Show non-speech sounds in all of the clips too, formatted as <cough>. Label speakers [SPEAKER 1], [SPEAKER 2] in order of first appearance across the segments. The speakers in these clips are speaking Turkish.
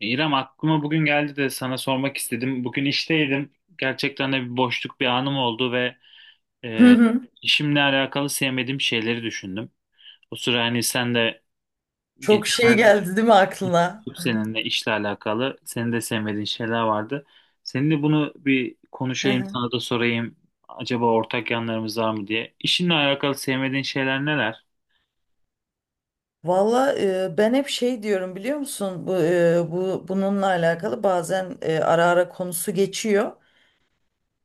[SPEAKER 1] İrem aklıma bugün geldi de sana sormak istedim. Bugün işteydim. Gerçekten de bir boşluk bir anım oldu ve
[SPEAKER 2] Hı
[SPEAKER 1] e,
[SPEAKER 2] hı.
[SPEAKER 1] işimle alakalı sevmediğim şeyleri düşündüm. O sıra hani sen de
[SPEAKER 2] Çok şey
[SPEAKER 1] geçenlerde
[SPEAKER 2] geldi değil mi aklına?
[SPEAKER 1] konuştuk seninle, işle alakalı senin de sevmediğin şeyler vardı. Seninle bunu bir
[SPEAKER 2] Hı
[SPEAKER 1] konuşayım,
[SPEAKER 2] hı.
[SPEAKER 1] sana da sorayım. Acaba ortak yanlarımız var mı diye. İşinle alakalı sevmediğin şeyler neler?
[SPEAKER 2] Valla ben hep şey diyorum biliyor musun? Bu bununla alakalı bazen ara ara konusu geçiyor.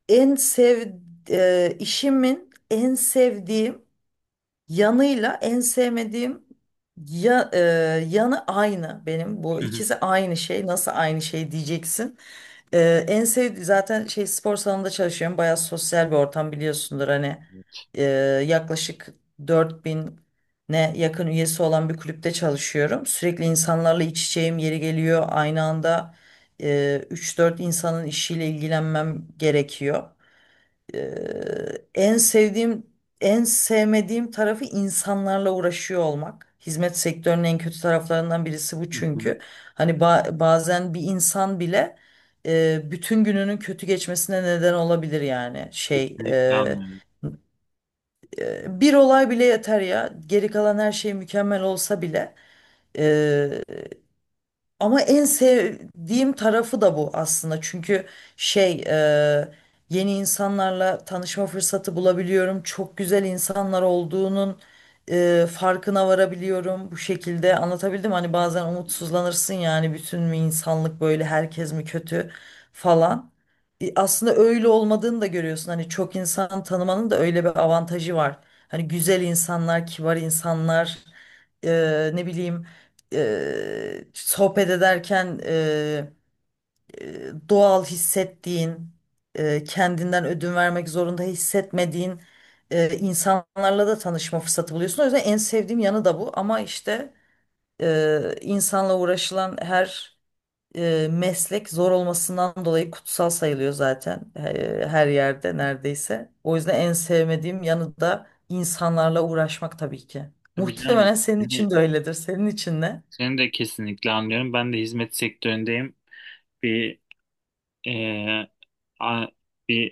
[SPEAKER 2] En sev e, işimin en sevdiğim yanıyla en sevmediğim ya, e, yanı aynı benim. Bu
[SPEAKER 1] Hı hı.
[SPEAKER 2] ikisi aynı şey. Nasıl aynı şey diyeceksin. En sevdiğim zaten şey spor salonunda çalışıyorum. Bayağı sosyal bir ortam biliyorsundur. Hani e, yaklaşık 4.000 ne yakın üyesi olan bir kulüpte çalışıyorum. Sürekli insanlarla iç içeyim yeri geliyor. Aynı anda e, 3-4 insanın işiyle ilgilenmem gerekiyor. En sevdiğim, en sevmediğim tarafı insanlarla uğraşıyor olmak. Hizmet sektörünün en kötü taraflarından birisi bu
[SPEAKER 1] Hı hı.
[SPEAKER 2] çünkü. Hani bazen bir insan bile bütün gününün kötü geçmesine neden olabilir yani. Şey,
[SPEAKER 1] Kesinlikle
[SPEAKER 2] eee,
[SPEAKER 1] anlıyorum.
[SPEAKER 2] eee, bir olay bile yeter ya. Geri kalan her şey mükemmel olsa bile. Ama en sevdiğim tarafı da bu aslında. Çünkü şey e, yeni insanlarla tanışma fırsatı bulabiliyorum. Çok güzel insanlar olduğunun farkına varabiliyorum bu şekilde. Anlatabildim mi? Hani bazen umutsuzlanırsın yani bütün mü insanlık böyle herkes mi kötü falan. Aslında öyle olmadığını da görüyorsun. Hani çok insan tanımanın da öyle bir avantajı var. Hani güzel insanlar, kibar insanlar, ne bileyim sohbet ederken doğal hissettiğin, kendinden ödün vermek zorunda hissetmediğin insanlarla da tanışma fırsatı buluyorsun. O yüzden en sevdiğim yanı da bu. Ama işte insanla uğraşılan her meslek zor olmasından dolayı kutsal sayılıyor zaten her yerde neredeyse. O yüzden en sevmediğim yanı da insanlarla uğraşmak tabii ki.
[SPEAKER 1] Tabii canım.
[SPEAKER 2] Muhtemelen senin
[SPEAKER 1] hani
[SPEAKER 2] için de öyledir. Senin için ne?
[SPEAKER 1] Seni de kesinlikle anlıyorum. Ben de hizmet sektöründeyim. Bir e, a- bir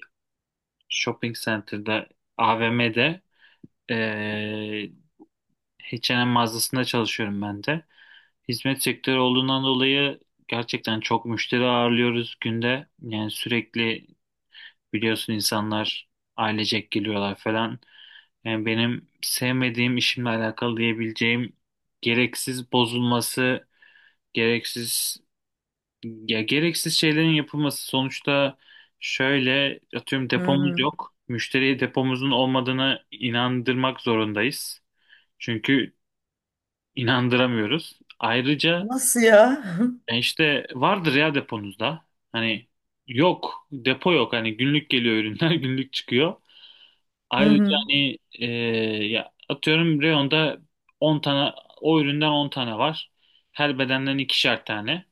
[SPEAKER 1] shopping center'da, AVM'de, e, H&M mağazasında çalışıyorum ben de. Hizmet sektörü olduğundan dolayı gerçekten çok müşteri ağırlıyoruz günde. Yani sürekli, biliyorsun, insanlar ailecek geliyorlar falan. Yani benim sevmediğim, işimle alakalı diyebileceğim, gereksiz bozulması, gereksiz ya, gereksiz şeylerin yapılması. Sonuçta şöyle, atıyorum,
[SPEAKER 2] Hı
[SPEAKER 1] depomuz
[SPEAKER 2] hı.
[SPEAKER 1] yok. Müşteriye depomuzun olmadığını inandırmak zorundayız. Çünkü inandıramıyoruz. Ayrıca
[SPEAKER 2] Nasıl ya? <laughs>
[SPEAKER 1] işte vardır ya deponuzda. Hani yok, depo yok. Hani günlük geliyor ürünler <laughs> günlük çıkıyor.
[SPEAKER 2] Hı
[SPEAKER 1] Ayrıca
[SPEAKER 2] hı.
[SPEAKER 1] hani ya, atıyorum, reyonda 10 tane, o üründen 10 tane var. Her bedenden 2'şer tane.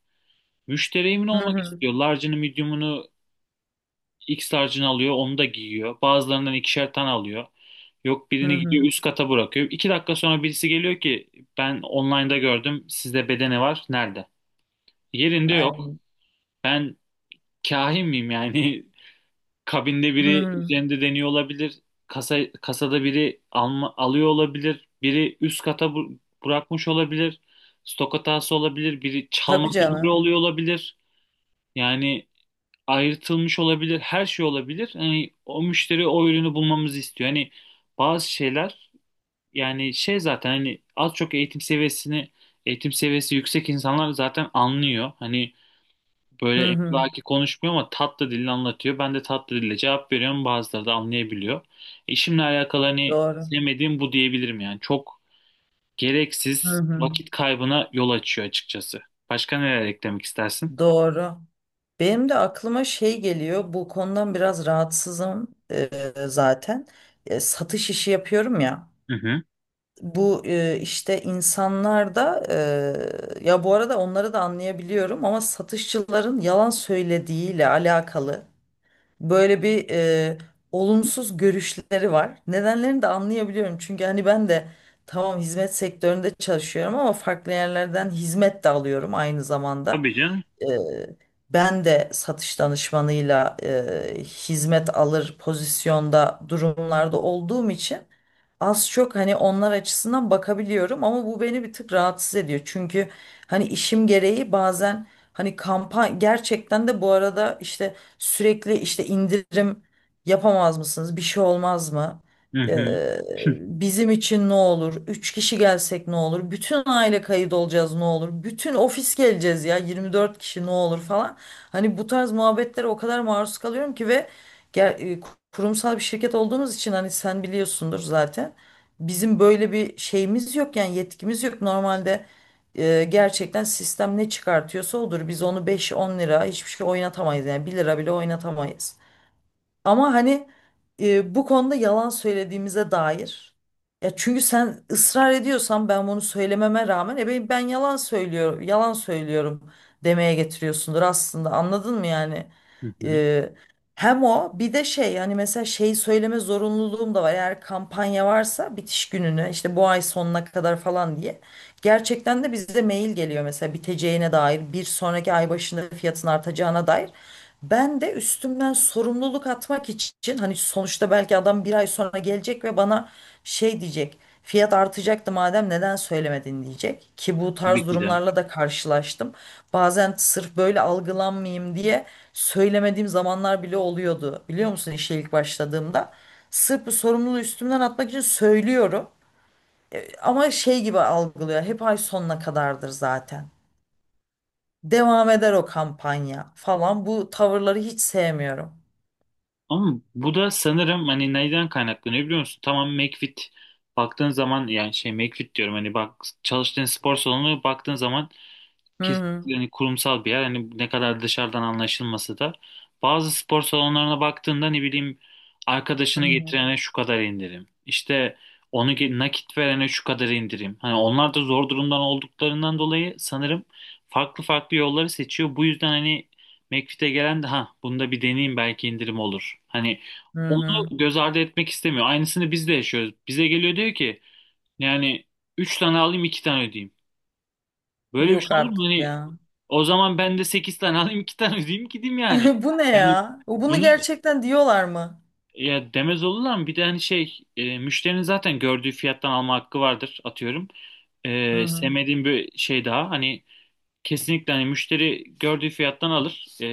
[SPEAKER 1] Müşteri emin
[SPEAKER 2] Hı
[SPEAKER 1] olmak
[SPEAKER 2] hı.
[SPEAKER 1] istiyor. Large'ını, medium'unu, X tarcını alıyor, onu da giyiyor. Bazılarından 2'şer tane alıyor. Yok,
[SPEAKER 2] Hı
[SPEAKER 1] birini
[SPEAKER 2] hı.
[SPEAKER 1] gidiyor üst kata bırakıyor. 2 dakika sonra birisi geliyor ki ben online'da gördüm, sizde bedeni var, nerede? Yerinde yok.
[SPEAKER 2] Aynen.
[SPEAKER 1] Ben kahin miyim yani? <laughs> Kabinde
[SPEAKER 2] Hı
[SPEAKER 1] biri
[SPEAKER 2] hı.
[SPEAKER 1] üzerinde deniyor olabilir. Kasada biri alıyor olabilir. Biri üst kata bırakmış olabilir. Stok hatası olabilir. Biri
[SPEAKER 2] Tabii
[SPEAKER 1] çalmak üzere
[SPEAKER 2] canım.
[SPEAKER 1] oluyor olabilir. Yani ayrıtılmış olabilir, her şey olabilir. Hani o müşteri o ürünü bulmamızı istiyor. Hani bazı şeyler, yani şey, zaten hani az çok eğitim seviyesi yüksek insanlar zaten anlıyor. Hani böyle
[SPEAKER 2] Hı hı.
[SPEAKER 1] emlaki konuşmuyor ama tatlı dille anlatıyor. Ben de tatlı dille cevap veriyorum. Bazıları da anlayabiliyor. İşimle alakalı hani
[SPEAKER 2] Doğru.
[SPEAKER 1] sevmediğim bu diyebilirim yani. Çok
[SPEAKER 2] Hı
[SPEAKER 1] gereksiz
[SPEAKER 2] hı.
[SPEAKER 1] vakit kaybına yol açıyor açıkçası. Başka neler eklemek istersin?
[SPEAKER 2] Doğru. Benim de aklıma şey geliyor. Bu konudan biraz rahatsızım zaten. Satış işi yapıyorum ya.
[SPEAKER 1] Hı hı.
[SPEAKER 2] Bu işte insanlar da ya bu arada onları da anlayabiliyorum ama satışçıların yalan söylediğiyle alakalı böyle bir olumsuz görüşleri var. Nedenlerini de anlayabiliyorum. Çünkü hani ben de tamam hizmet sektöründe çalışıyorum ama farklı yerlerden hizmet de alıyorum aynı zamanda.
[SPEAKER 1] Tabii canım.
[SPEAKER 2] E, ben de satış danışmanıyla hizmet alır pozisyonda durumlarda olduğum için az çok hani onlar açısından bakabiliyorum ama bu beni bir tık rahatsız ediyor. Çünkü hani işim gereği bazen hani kampanya gerçekten de bu arada işte sürekli işte indirim yapamaz mısınız? Bir şey olmaz mı?
[SPEAKER 1] Hı hı.
[SPEAKER 2] Ee, bizim için ne olur? Üç kişi gelsek ne olur? Bütün aile kayıt olacağız ne olur? Bütün ofis geleceğiz ya 24 kişi ne olur falan. Hani bu tarz muhabbetlere o kadar maruz kalıyorum ki ve ger- e, kurumsal bir şirket olduğumuz için hani sen biliyorsundur zaten. Bizim böyle bir şeyimiz yok yani yetkimiz yok. Normalde gerçekten sistem ne çıkartıyorsa odur. Biz onu beş on lira hiçbir şey oynatamayız yani bir lira bile oynatamayız. Ama hani bu konuda yalan söylediğimize dair. Ya çünkü sen ısrar ediyorsan ben bunu söylememe rağmen ben yalan söylüyorum, yalan söylüyorum demeye getiriyorsundur aslında. Anladın mı yani?
[SPEAKER 1] <laughs>
[SPEAKER 2] E, hem o bir de şey yani mesela şey söyleme zorunluluğum da var. Eğer kampanya varsa bitiş gününe işte bu ay sonuna kadar falan diye. Gerçekten de bize mail geliyor mesela biteceğine dair bir sonraki ay başında fiyatın artacağına dair. Ben de üstümden sorumluluk atmak için hani sonuçta belki adam bir ay sonra gelecek ve bana şey diyecek. Fiyat artacaktı madem neden söylemedin diyecek. Ki bu
[SPEAKER 1] Tabii
[SPEAKER 2] tarz
[SPEAKER 1] ki de.
[SPEAKER 2] durumlarla da karşılaştım. Bazen sırf böyle algılanmayayım diye söylemediğim zamanlar bile oluyordu. Biliyor musun işe ilk başladığımda. Sırf bu sorumluluğu üstümden atmak için söylüyorum. Ama şey gibi algılıyor. Hep ay sonuna kadardır zaten. Devam eder o kampanya falan. Bu tavırları hiç sevmiyorum.
[SPEAKER 1] Ama bu da, sanırım, hani neyden kaynaklanıyor biliyor musun? Tamam, McFit, baktığın zaman, yani şey, McFit diyorum hani, bak, çalıştığın spor salonu, baktığın zaman
[SPEAKER 2] Hı hı.
[SPEAKER 1] kesinlikle hani kurumsal bir yer. Hani ne kadar dışarıdan anlaşılması da. Bazı spor salonlarına baktığında, ne bileyim,
[SPEAKER 2] Hı
[SPEAKER 1] arkadaşını
[SPEAKER 2] hı.
[SPEAKER 1] getirene şu kadar indirim. İşte onu, nakit verene şu kadar indirim. Hani onlar da zor durumdan olduklarından dolayı sanırım farklı farklı yolları seçiyor. Bu yüzden hani McFit'e gelen de, ha bunda bir deneyeyim, belki indirim olur. Hani
[SPEAKER 2] Hı
[SPEAKER 1] onu
[SPEAKER 2] hı.
[SPEAKER 1] göz ardı etmek istemiyor. Aynısını biz de yaşıyoruz. Bize geliyor, diyor ki yani 3 tane alayım, 2 tane ödeyeyim. Böyle bir
[SPEAKER 2] Yok
[SPEAKER 1] şey olur mu?
[SPEAKER 2] artık
[SPEAKER 1] Hani
[SPEAKER 2] ya.
[SPEAKER 1] o zaman ben de 8 tane alayım, 2 tane ödeyeyim, gideyim yani.
[SPEAKER 2] <laughs> Bu ne
[SPEAKER 1] Hani
[SPEAKER 2] ya? O bunu
[SPEAKER 1] bunu,
[SPEAKER 2] gerçekten diyorlar mı?
[SPEAKER 1] ya demez olurlar mı? Bir de hani şey, müşterinin zaten gördüğü fiyattan alma hakkı vardır, atıyorum.
[SPEAKER 2] Hı hı.
[SPEAKER 1] Sevmediğim bir şey daha hani, kesinlikle hani müşteri gördüğü fiyattan alır.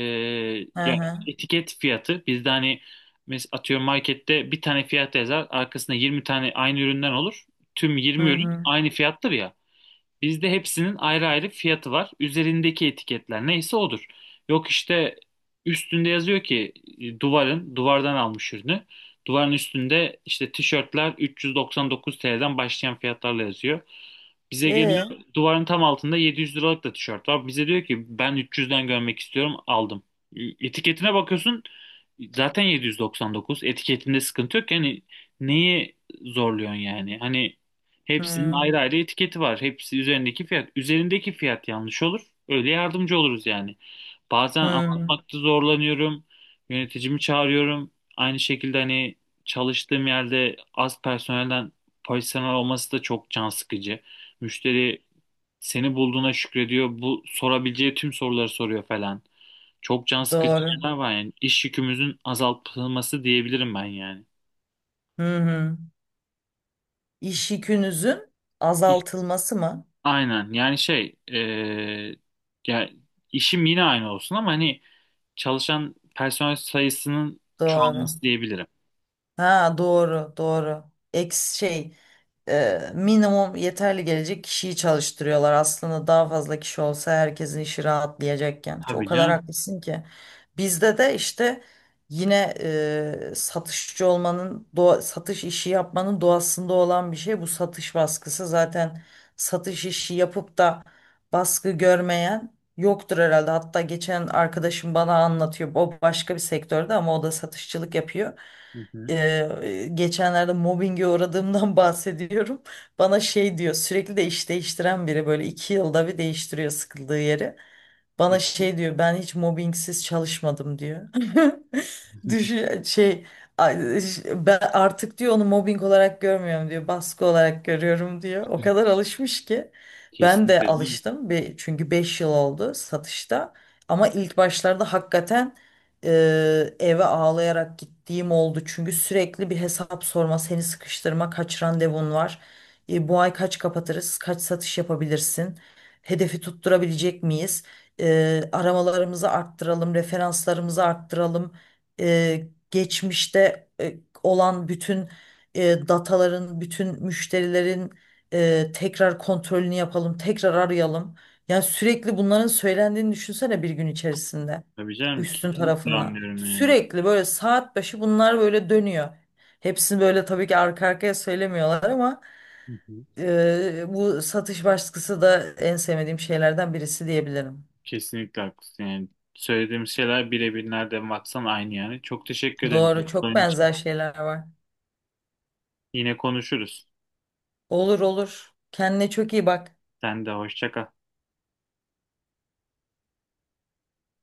[SPEAKER 2] Hı
[SPEAKER 1] ya,
[SPEAKER 2] hı.
[SPEAKER 1] etiket fiyatı bizde hani, atıyorum, markette bir tane fiyat yazar, arkasında 20 tane aynı üründen olur. Tüm
[SPEAKER 2] Hı
[SPEAKER 1] 20 ürün
[SPEAKER 2] hı.
[SPEAKER 1] aynı fiyattır ya. Bizde hepsinin ayrı ayrı fiyatı var. Üzerindeki etiketler neyse odur. Yok, işte üstünde yazıyor ki duvardan almış ürünü. Duvarın üstünde işte tişörtler 399 TL'den başlayan fiyatlarla yazıyor. Bize geliyor,
[SPEAKER 2] E.
[SPEAKER 1] duvarın tam altında 700 liralık da tişört var. Bize diyor ki ben 300'den görmek istiyorum, aldım. E, Etiketine bakıyorsun, zaten 799 etiketinde sıkıntı yok. Yani neyi zorluyorsun yani? Hani hepsinin
[SPEAKER 2] Hı.
[SPEAKER 1] ayrı ayrı etiketi var. Hepsi üzerindeki fiyat. Üzerindeki fiyat yanlış olur. Öyle yardımcı oluruz yani. Bazen
[SPEAKER 2] Hı.
[SPEAKER 1] anlatmakta zorlanıyorum. Yöneticimi çağırıyorum. Aynı şekilde hani çalıştığım yerde az personel olması da çok can sıkıcı. Müşteri seni bulduğuna şükrediyor. Bu sorabileceği tüm soruları soruyor falan. Çok can sıkıcı
[SPEAKER 2] Doğru.
[SPEAKER 1] şeyler var yani. İş yükümüzün azaltılması diyebilirim ben yani.
[SPEAKER 2] Hı hı. İş yükünüzün
[SPEAKER 1] İş-
[SPEAKER 2] azaltılması mı?
[SPEAKER 1] Aynen, yani şey, ya, işim yine aynı olsun ama hani çalışan personel sayısının
[SPEAKER 2] Doğru.
[SPEAKER 1] çoğalması diyebilirim.
[SPEAKER 2] Ha doğru doğru. Eks şey minimum yeterli gelecek kişiyi çalıştırıyorlar. Aslında daha fazla kişi olsa herkesin işi rahatlayacakken. Çok o
[SPEAKER 1] Tabii
[SPEAKER 2] kadar
[SPEAKER 1] canım.
[SPEAKER 2] haklısın ki. Bizde de işte yine satışçı olmanın satış işi yapmanın doğasında olan bir şey bu satış baskısı. Zaten satış işi yapıp da baskı görmeyen yoktur herhalde. Hatta geçen arkadaşım bana anlatıyor. O başka bir sektörde ama o da satışçılık yapıyor
[SPEAKER 1] Hı hı.
[SPEAKER 2] geçenlerde mobbinge uğradığımdan <laughs> bahsediyorum. Bana şey diyor sürekli de iş değiştiren biri böyle 2 yılda bir değiştiriyor sıkıldığı yeri. Bana şey diyor ben hiç mobbingsiz çalışmadım diyor. <laughs>
[SPEAKER 1] <laughs>
[SPEAKER 2] Düşün şey ay- ben artık diyor onu mobbing olarak görmüyorum diyor baskı olarak görüyorum diyor. O kadar alışmış ki ben
[SPEAKER 1] Kesinlikle
[SPEAKER 2] de
[SPEAKER 1] değil mi?
[SPEAKER 2] alıştım bir, çünkü 5 yıl oldu satışta ama ilk başlarda hakikaten eve ağlayarak gittiğim oldu. Çünkü sürekli bir hesap sorma, seni sıkıştırma, kaç randevun var, bu ay kaç kapatırız, kaç satış yapabilirsin, hedefi tutturabilecek miyiz, aramalarımızı arttıralım, referanslarımızı arttıralım, geçmişte olan bütün dataların, bütün müşterilerin tekrar kontrolünü yapalım, tekrar arayalım. Yani sürekli bunların söylendiğini düşünsene bir gün içerisinde
[SPEAKER 1] Tabii canım,
[SPEAKER 2] üstün
[SPEAKER 1] kesinlikle
[SPEAKER 2] tarafından.
[SPEAKER 1] anlıyorum yani.
[SPEAKER 2] Sürekli böyle saat başı bunlar böyle dönüyor. Hepsini böyle tabii ki arka arkaya söylemiyorlar ama
[SPEAKER 1] Hı hı.
[SPEAKER 2] bu satış baskısı da en sevmediğim şeylerden birisi diyebilirim.
[SPEAKER 1] Kesinlikle haklısın yani. Söylediğimiz şeyler birebir nereden baksan aynı yani. Çok teşekkür ederim
[SPEAKER 2] Doğru, çok
[SPEAKER 1] cevapların
[SPEAKER 2] benzer
[SPEAKER 1] için.
[SPEAKER 2] şeyler var.
[SPEAKER 1] Yine konuşuruz.
[SPEAKER 2] Olur olur. Kendine çok iyi bak.
[SPEAKER 1] Sen de hoşça kal.